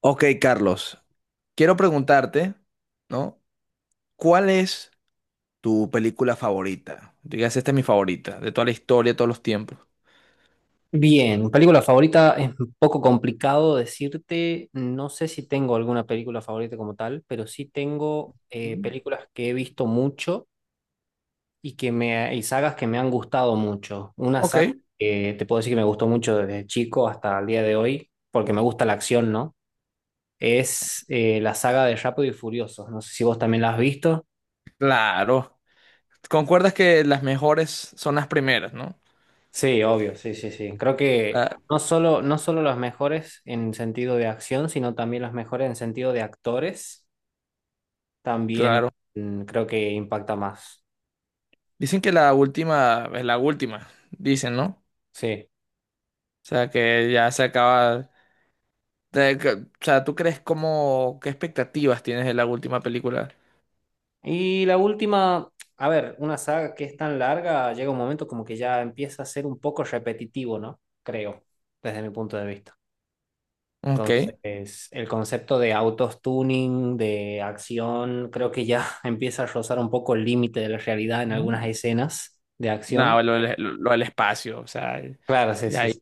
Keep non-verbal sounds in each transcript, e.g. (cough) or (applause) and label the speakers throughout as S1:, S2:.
S1: Ok, Carlos, quiero preguntarte, ¿no? ¿Cuál es tu película favorita? Digas, esta es mi favorita, de toda la historia, de todos los tiempos.
S2: Bien, película favorita es un poco complicado decirte, no sé si tengo alguna película favorita como tal, pero sí tengo
S1: Mm.
S2: películas que he visto mucho y que me y sagas que me han gustado mucho. Una
S1: Ok,
S2: saga que te puedo decir que me gustó mucho desde chico hasta el día de hoy, porque me gusta la acción, ¿no? Es la saga de Rápido y Furioso. No sé si vos también la has visto.
S1: claro. ¿Concuerdas que las mejores son las primeras, ¿no?
S2: Sí, obvio, sí, sí, sí. Creo que
S1: La-
S2: no solo las mejores en sentido de acción, sino también las mejores en sentido de actores. También
S1: claro.
S2: creo que impacta más.
S1: Dicen que la última es la última, dicen, ¿no?
S2: Sí.
S1: O sea, que ya se acaba. O sea, ¿tú crees cómo, qué expectativas tienes de la última película?
S2: Y la última, a ver, una saga que es tan larga, llega un momento como que ya empieza a ser un poco repetitivo, ¿no? Creo, desde mi punto de vista.
S1: Ok.
S2: Entonces, el concepto de autos tuning, de acción, creo que ya (laughs) empieza a rozar un poco el límite de la realidad en
S1: Mm.
S2: algunas escenas de acción.
S1: No, lo, del espacio, o sea,
S2: Claro, sí,
S1: ya.
S2: sí, sí.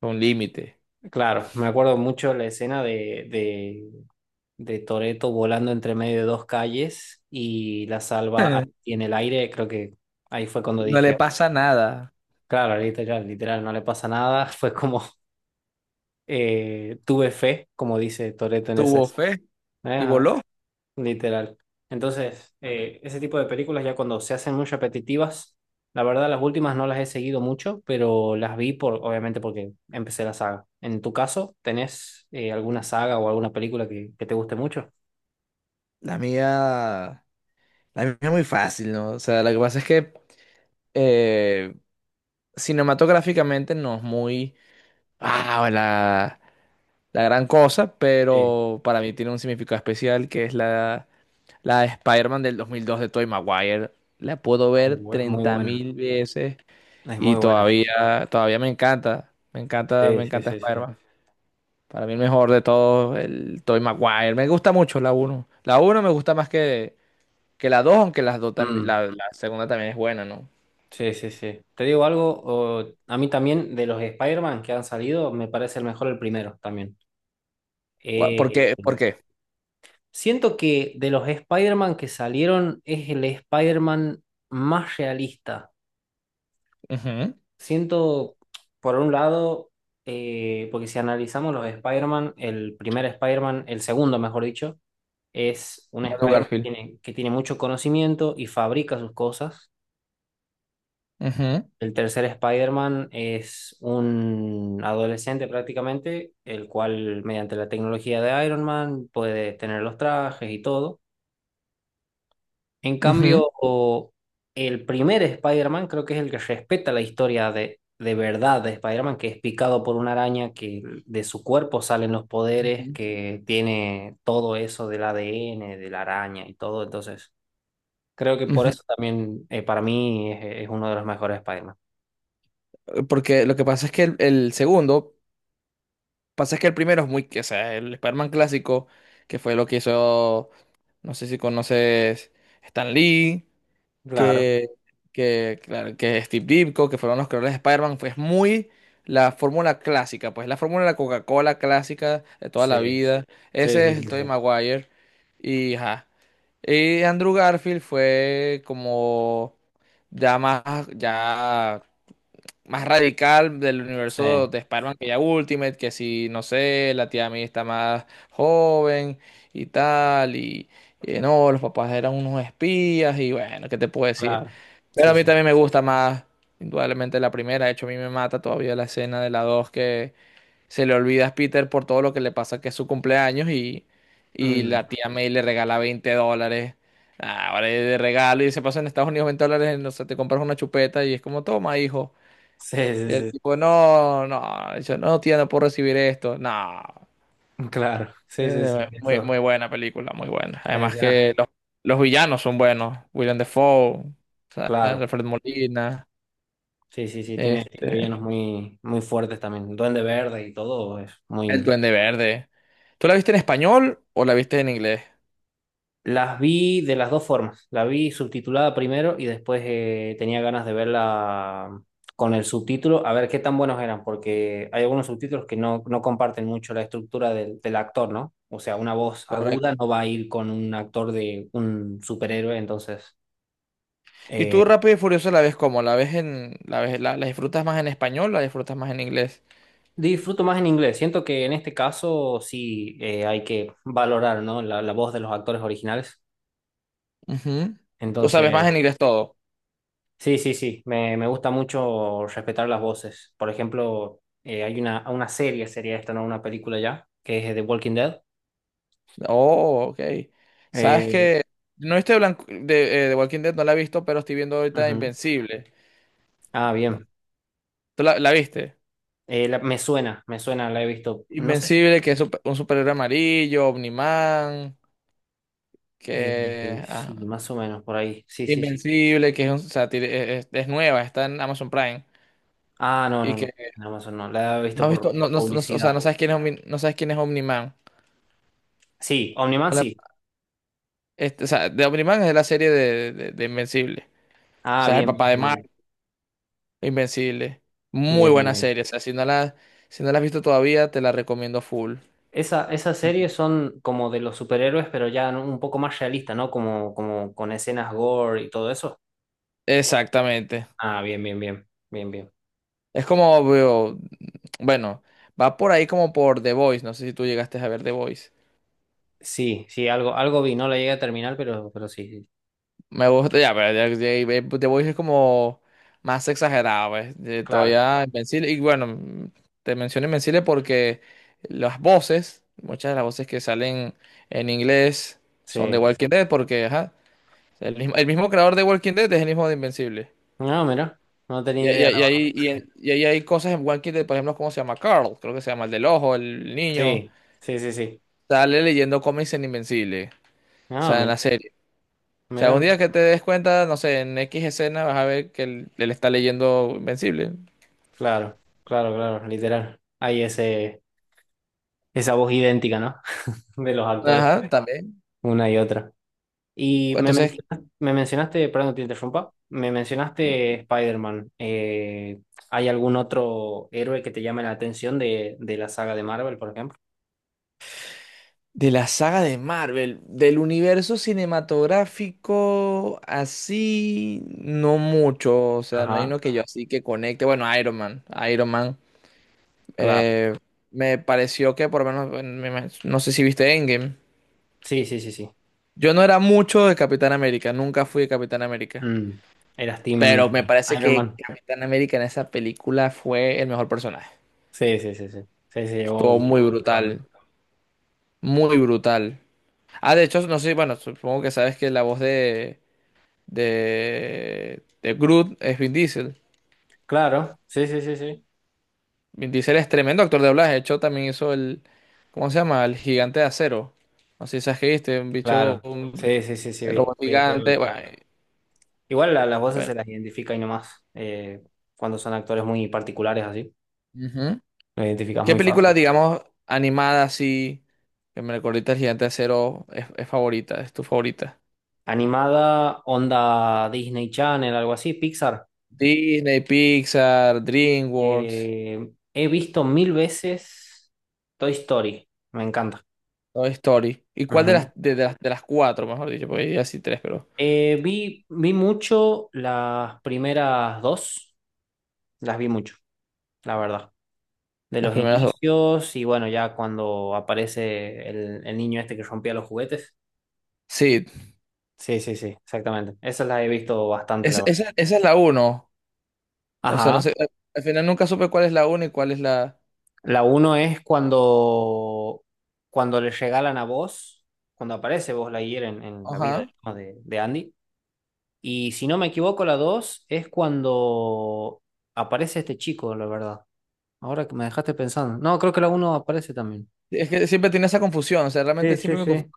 S1: Con límite.
S2: Claro. Me acuerdo mucho la escena de, de de Toretto volando entre medio de dos calles y la salva a-
S1: (laughs)
S2: y en el aire. Creo que ahí fue cuando
S1: No le
S2: dije,
S1: pasa nada.
S2: claro, literal, literal, no le pasa nada. (laughs) Fue como, tuve fe, como dice Toretto en ese.
S1: Tuvo fe y
S2: Ajá,
S1: voló.
S2: literal. Entonces, ese tipo de películas ya cuando se hacen muy repetitivas, la verdad las últimas no las he seguido mucho, pero las vi por, obviamente porque empecé la saga. En tu caso, ¿tenés alguna saga o alguna película que te guste mucho?
S1: La mía, la mía es muy fácil, ¿no? O sea, lo que pasa es que eh, cinematográficamente no es muy, ah, la, la gran cosa,
S2: Sí.
S1: pero para mí tiene un significado especial que es la de Spider-Man del 2002 de Tobey Maguire. La puedo ver
S2: Oh, es muy
S1: treinta
S2: buena.
S1: mil veces
S2: Es muy
S1: y
S2: buena, sí,
S1: todavía me encanta. Me encanta, me
S2: sí, sí,
S1: encanta
S2: sí, sí, sí.
S1: Spider-Man. Para mí el mejor de todos, el Toy Maguire. Me gusta mucho la uno. La uno me gusta más que la dos, aunque las dos
S2: Mm,
S1: la segunda también es buena, ¿no?
S2: sí, sí, sí. Te digo algo, o- a mí también de los Spider-Man que han salido, me parece el mejor el primero también.
S1: ¿Por
S2: Eh,
S1: qué? ¿Por qué?
S2: siento que de los Spider-Man que salieron es el Spider-Man más realista.
S1: Ujú.
S2: Siento, por un lado, porque si analizamos los Spider-Man, el primer Spider-Man, el segundo, mejor dicho, es un
S1: Andrew
S2: Spider-Man que
S1: Garfield.
S2: tiene, que tiene mucho conocimiento y fabrica sus cosas.
S1: Ujú,
S2: El tercer Spider-Man es un adolescente prácticamente, el cual mediante la tecnología de Iron Man puede tener los trajes y todo. En
S1: ujú,
S2: cambio, o- el primer Spider-Man creo que es el que respeta la historia de verdad de Spider-Man, que es picado por una araña, que de su cuerpo salen los poderes,
S1: ujú.
S2: que tiene todo eso del ADN, de la araña y todo. Entonces, creo que por eso también para mí es uno de los mejores Spider-Man.
S1: Ujú. Porque lo que pasa es que el segundo, pasa es que el primero es muy, o sea, el Spider-Man clásico, que fue lo que hizo, no sé si conoces Stan Lee.
S2: Claro,
S1: que, claro, que Steve Ditko, que fueron los creadores de Spider-Man, pues muy la fórmula clásica, pues la fórmula de la Coca-Cola clásica de toda la
S2: sí.
S1: vida.
S2: Sí,
S1: Ese
S2: sí,
S1: es el
S2: sí,
S1: Tobey
S2: sí.
S1: Maguire. Y, ajá. Y Andrew Garfield fue como ya más, ya más radical del
S2: Sí,
S1: universo de Spider-Man que ya Ultimate, que si, no sé, la tía May está más joven y tal, y no, los papás eran unos espías, y bueno, ¿qué te puedo decir?
S2: claro.
S1: Pero
S2: Sí,
S1: a mí también
S2: sí.
S1: me gusta más, indudablemente, la primera. De hecho a mí me mata todavía la escena de la 2 que se le olvida a Peter por todo lo que le pasa que es su cumpleaños y
S2: Mm,
S1: la tía May le regala $20. Ah, ahora es de regalo y se pasa en Estados Unidos $20, no sé, te compras una chupeta y es como, toma, hijo.
S2: sí,
S1: Y
S2: sí,
S1: el
S2: sí,
S1: tipo, no, no, yo no, tía, no puedo recibir esto. No.
S2: sí. Claro. Sí, sí, sí.
S1: Muy,
S2: Eso.
S1: muy buena película, muy buena.
S2: Es
S1: Además
S2: escena.
S1: que los villanos son buenos. William Dafoe, o sea,
S2: Claro.
S1: Alfred Molina,
S2: Sí, sí, sí. Tiene, tiene villanos
S1: este,
S2: muy, muy fuertes también. Duende Verde y todo es
S1: el
S2: muy.
S1: Duende Verde. ¿Tú la viste en español o la viste en inglés?
S2: Las vi de las dos formas. La vi subtitulada primero y después tenía ganas de verla con el subtítulo, a ver qué tan buenos eran, porque hay algunos subtítulos que no, no comparten mucho la estructura del, del actor, ¿no? O sea, una voz aguda no
S1: Correcto.
S2: va a ir con un actor de un superhéroe, entonces
S1: ¿Y
S2: eh,
S1: tú Rápido y Furioso la ves cómo? ¿La disfrutas más en español o la disfrutas más en inglés?
S2: disfruto más en inglés. Siento que en este caso sí hay que valorar, ¿no? La voz de los actores originales.
S1: Ujú. ¿Tú sabes más en
S2: Entonces,
S1: inglés todo?
S2: sí, sí, sí, me gusta mucho respetar las voces. Por ejemplo, hay una serie, sería esta, no una película ya, que es The Walking Dead.
S1: Oh, ok. Sabes
S2: Eh,
S1: que no estoy blanco de Walking Dead, no la he visto, pero estoy viendo ahorita
S2: ujú.
S1: Invencible.
S2: Ah,
S1: ¿No?
S2: bien.
S1: ¿Tú la viste?
S2: La- me suena, la he visto. No sé si...
S1: Invencible, que es un superhéroe amarillo, Omniman,
S2: eh,
S1: que
S2: sí,
S1: ah,
S2: más o menos, por ahí. Sí, sí, sí.
S1: Invencible, que es, un, o sea, tiene- es nueva, está en Amazon Prime.
S2: Ah, no,
S1: Y
S2: no, no.
S1: que
S2: En Amazon no, la he visto
S1: no has visto,
S2: por
S1: o sea, no
S2: publicidad.
S1: sabes quién es no sabes quién es Omniman.
S2: Sí, Omniman
S1: Hola.
S2: sí.
S1: Este, o sea, de Omniman es de la serie de Invencible. O
S2: Ah,
S1: sea, es el
S2: bien, bien,
S1: papá de
S2: bien,
S1: Mar.
S2: bien.
S1: Invencible. Muy
S2: Bien, bien,
S1: buena
S2: bien.
S1: serie. O sea, si no la has visto todavía, te la recomiendo full.
S2: Esa, esas series son como de los superhéroes, pero ya un poco más realistas, ¿no? Como, como con escenas gore y todo eso.
S1: Exactamente.
S2: Ah, bien, bien, bien, bien, bien.
S1: Es como veo, bueno, va por ahí como por The Voice. No sé si tú llegaste a ver The Voice.
S2: Sí, sí, algo, algo vi, no la llegué a terminar, pero sí, sí,
S1: Me gusta, ya, pero The Voice es como más exagerado, pues.
S2: claro,
S1: Todavía Invencible. Y bueno, te menciono Invencible porque las voces, muchas de las voces que salen en inglés son de
S2: sí.
S1: Walking Dead, porque ajá, el mismo creador de Walking Dead es el mismo de Invencible.
S2: No, mira, no tenía
S1: Y,
S2: idea,
S1: y-
S2: la verdad.
S1: y ahí hay cosas en One Kid, de, por ejemplo, ¿cómo se llama? Carl, creo que se llama el del ojo, el niño.
S2: Sí, sí, sí, sí.
S1: Sale leyendo cómics en Invencible. O
S2: No,
S1: sea, en
S2: mira,
S1: la serie. O sea,
S2: mira,
S1: un
S2: mira.
S1: día que te des cuenta, no sé, en X escena vas a ver que él está leyendo Invencible.
S2: Claro, claro, claro, literal. Hay ese, esa voz idéntica, ¿no? (laughs) De los actores,
S1: Ajá, también.
S2: una y otra. Y
S1: Entonces,
S2: me mencionaste, perdón, te interrumpa, me mencionaste Spider-Man. ¿Hay algún otro héroe que te llame la atención de la saga de Marvel, por ejemplo?
S1: de la saga de Marvel, del universo cinematográfico, así, no mucho. O sea, no hay uno
S2: Ajá,
S1: que yo así que conecte. Bueno, Iron Man. Iron Man.
S2: claro.
S1: Eh, me pareció que por lo menos, no sé si viste Endgame.
S2: Sí, sí, sí, sí.
S1: Yo no era mucho de Capitán América, nunca fui de Capitán América.
S2: Mm, eras Team
S1: Pero me parece
S2: Iron
S1: que
S2: Man.
S1: Capitán América en esa película fue el mejor personaje.
S2: Sí, sí, sí, sí. Sí, se llevó
S1: Estuvo
S2: un
S1: muy
S2: poco el protagonismo.
S1: brutal, muy brutal. Ah, de hecho, no sé, bueno, supongo que sabes que la voz de Groot es Vin Diesel.
S2: Claro, sí, sí, sí, sí.
S1: Vin Diesel es tremendo actor de doblaje. De hecho, también hizo ¿cómo se llama? El Gigante de Acero. No sé si sabes que viste, un bicho.
S2: Claro. Sí, sí, sí, sí,
S1: El
S2: vi.
S1: robot
S2: Voy a poder
S1: gigante.
S2: ver,
S1: Bueno,
S2: puedo ver. Igual la- las voces
S1: bueno.
S2: se las identifica y nomás. Cuando son actores muy particulares así,
S1: Ujú.
S2: lo identificas
S1: ¿Qué
S2: muy
S1: película,
S2: fácil.
S1: digamos, animada así, que me recuerda el gigante de acero, es favorita? ¿Es tu favorita?
S2: Animada, onda Disney Channel, algo así, Pixar.
S1: Disney, Pixar, DreamWorks,
S2: He visto mil veces Toy Story. Me encanta.
S1: Toy Story. ¿Y cuál de
S2: Ujú.
S1: de las cuatro, mejor dicho? Porque ya sí tres, pero
S2: Vi, vi mucho las primeras dos. Las vi mucho, la verdad. De
S1: las
S2: los
S1: primeras dos.
S2: inicios y bueno, ya cuando aparece el niño este que rompía los juguetes.
S1: Sí,
S2: Sí, sí, sí, exactamente. Esas las he visto bastante, la verdad.
S1: esa, esa es la uno. O sea, no
S2: Ajá.
S1: sé, al final nunca supe cuál es la uno y cuál es la...
S2: La uno es cuando, cuando le regalan a vos, cuando aparece vos la en la vida
S1: Ajá.
S2: digamos, de Andy. Y si no me equivoco, la dos es cuando aparece este chico, la verdad. Ahora que me dejaste pensando. No, creo que la uno aparece también.
S1: Es que siempre tenía esa confusión, o sea,
S2: Sí,
S1: realmente
S2: sí,
S1: siempre me.
S2: sí.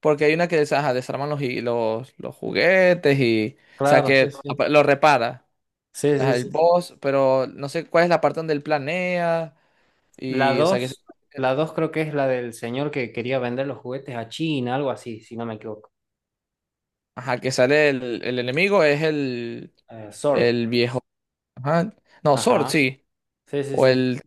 S1: Porque hay una que ajá, desarman los juguetes y. O sea,
S2: Claro, sí,
S1: que
S2: sí.
S1: lo repara.
S2: Sí,
S1: Ajá,
S2: sí,
S1: el
S2: sí.
S1: boss, pero no sé cuál es la parte donde él planea.
S2: La
S1: Y, o sea, que,
S2: dos, la dos creo que es la del señor que quería vender los juguetes a China, algo así, si no me equivoco.
S1: ajá, que sale el enemigo es
S2: Sword.
S1: el viejo. Ajá. No, Sword,
S2: Ajá.
S1: sí.
S2: Sí, sí,
S1: O
S2: sí.
S1: el,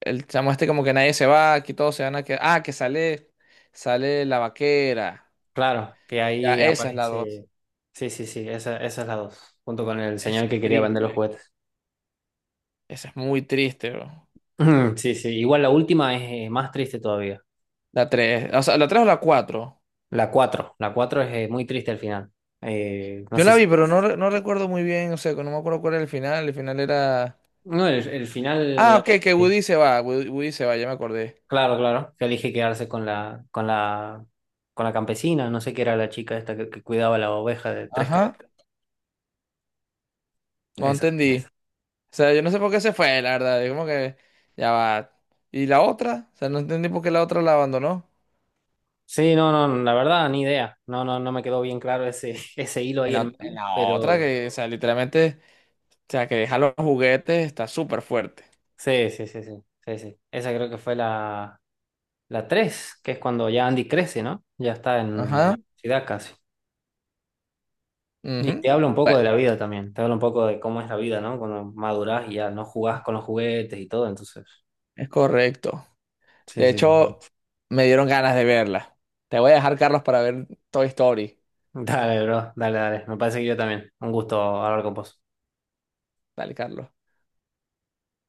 S1: el chamo este como que nadie se va, aquí todos se van a quedar. Ah, sale la vaquera.
S2: Claro, que
S1: Ya,
S2: ahí
S1: esa es la dos.
S2: aparece. Sí, sí, sí, esa es la dos, junto con el señor
S1: Esa es
S2: que quería vender los
S1: triste.
S2: juguetes.
S1: Esa es muy triste, bro.
S2: (clears throat) Sí, sí, igual la última es más triste todavía.
S1: La tres. O sea, la tres o la cuatro.
S2: La cuatro es muy triste al final. No
S1: Yo
S2: sé
S1: la
S2: si...
S1: vi, pero no recuerdo muy bien, o sea, que no me acuerdo cuál era el final. El final era...
S2: No, el
S1: Ah,
S2: final...
S1: ok, que Woody se va, Woody se va, ya me acordé.
S2: Claro, claro, que elige quedarse con la, con la, con la campesina, no sé qué era la chica esta que cuidaba la oveja de tres
S1: Ajá,
S2: cabezas.
S1: no
S2: Esa.
S1: entendí. O sea, yo no sé por qué se fue, la verdad. Yo como que... Ya va. ¿Y la otra? O sea, no entendí por qué la otra la abandonó.
S2: Sí, no, no, la verdad, ni idea. No, no, no me quedó bien claro ese, (laughs) ese hilo ahí en
S1: En
S2: medio,
S1: la otra,
S2: pero
S1: que, o sea, literalmente, o sea, que deja los juguetes, está súper fuerte.
S2: sí, sí, sí, sí, sí, sí. Esa creo que fue la, la tres, que es cuando ya Andy crece, ¿no? Ya está en
S1: Ajá.
S2: universidad casi. Y te
S1: Ujú.
S2: habla un poco
S1: Bueno,
S2: de la vida también, te habla un poco de cómo es la vida, ¿no? Cuando madurás y ya no jugás con los juguetes y todo, entonces.
S1: es correcto.
S2: Sí,
S1: De
S2: sí, sí.
S1: hecho, me dieron ganas de verla. Te voy a dejar, Carlos, para ver Toy Story.
S2: Dale, bro, dale, dale. Me parece que yo también. Un gusto hablar con vos.
S1: Dale, Carlos.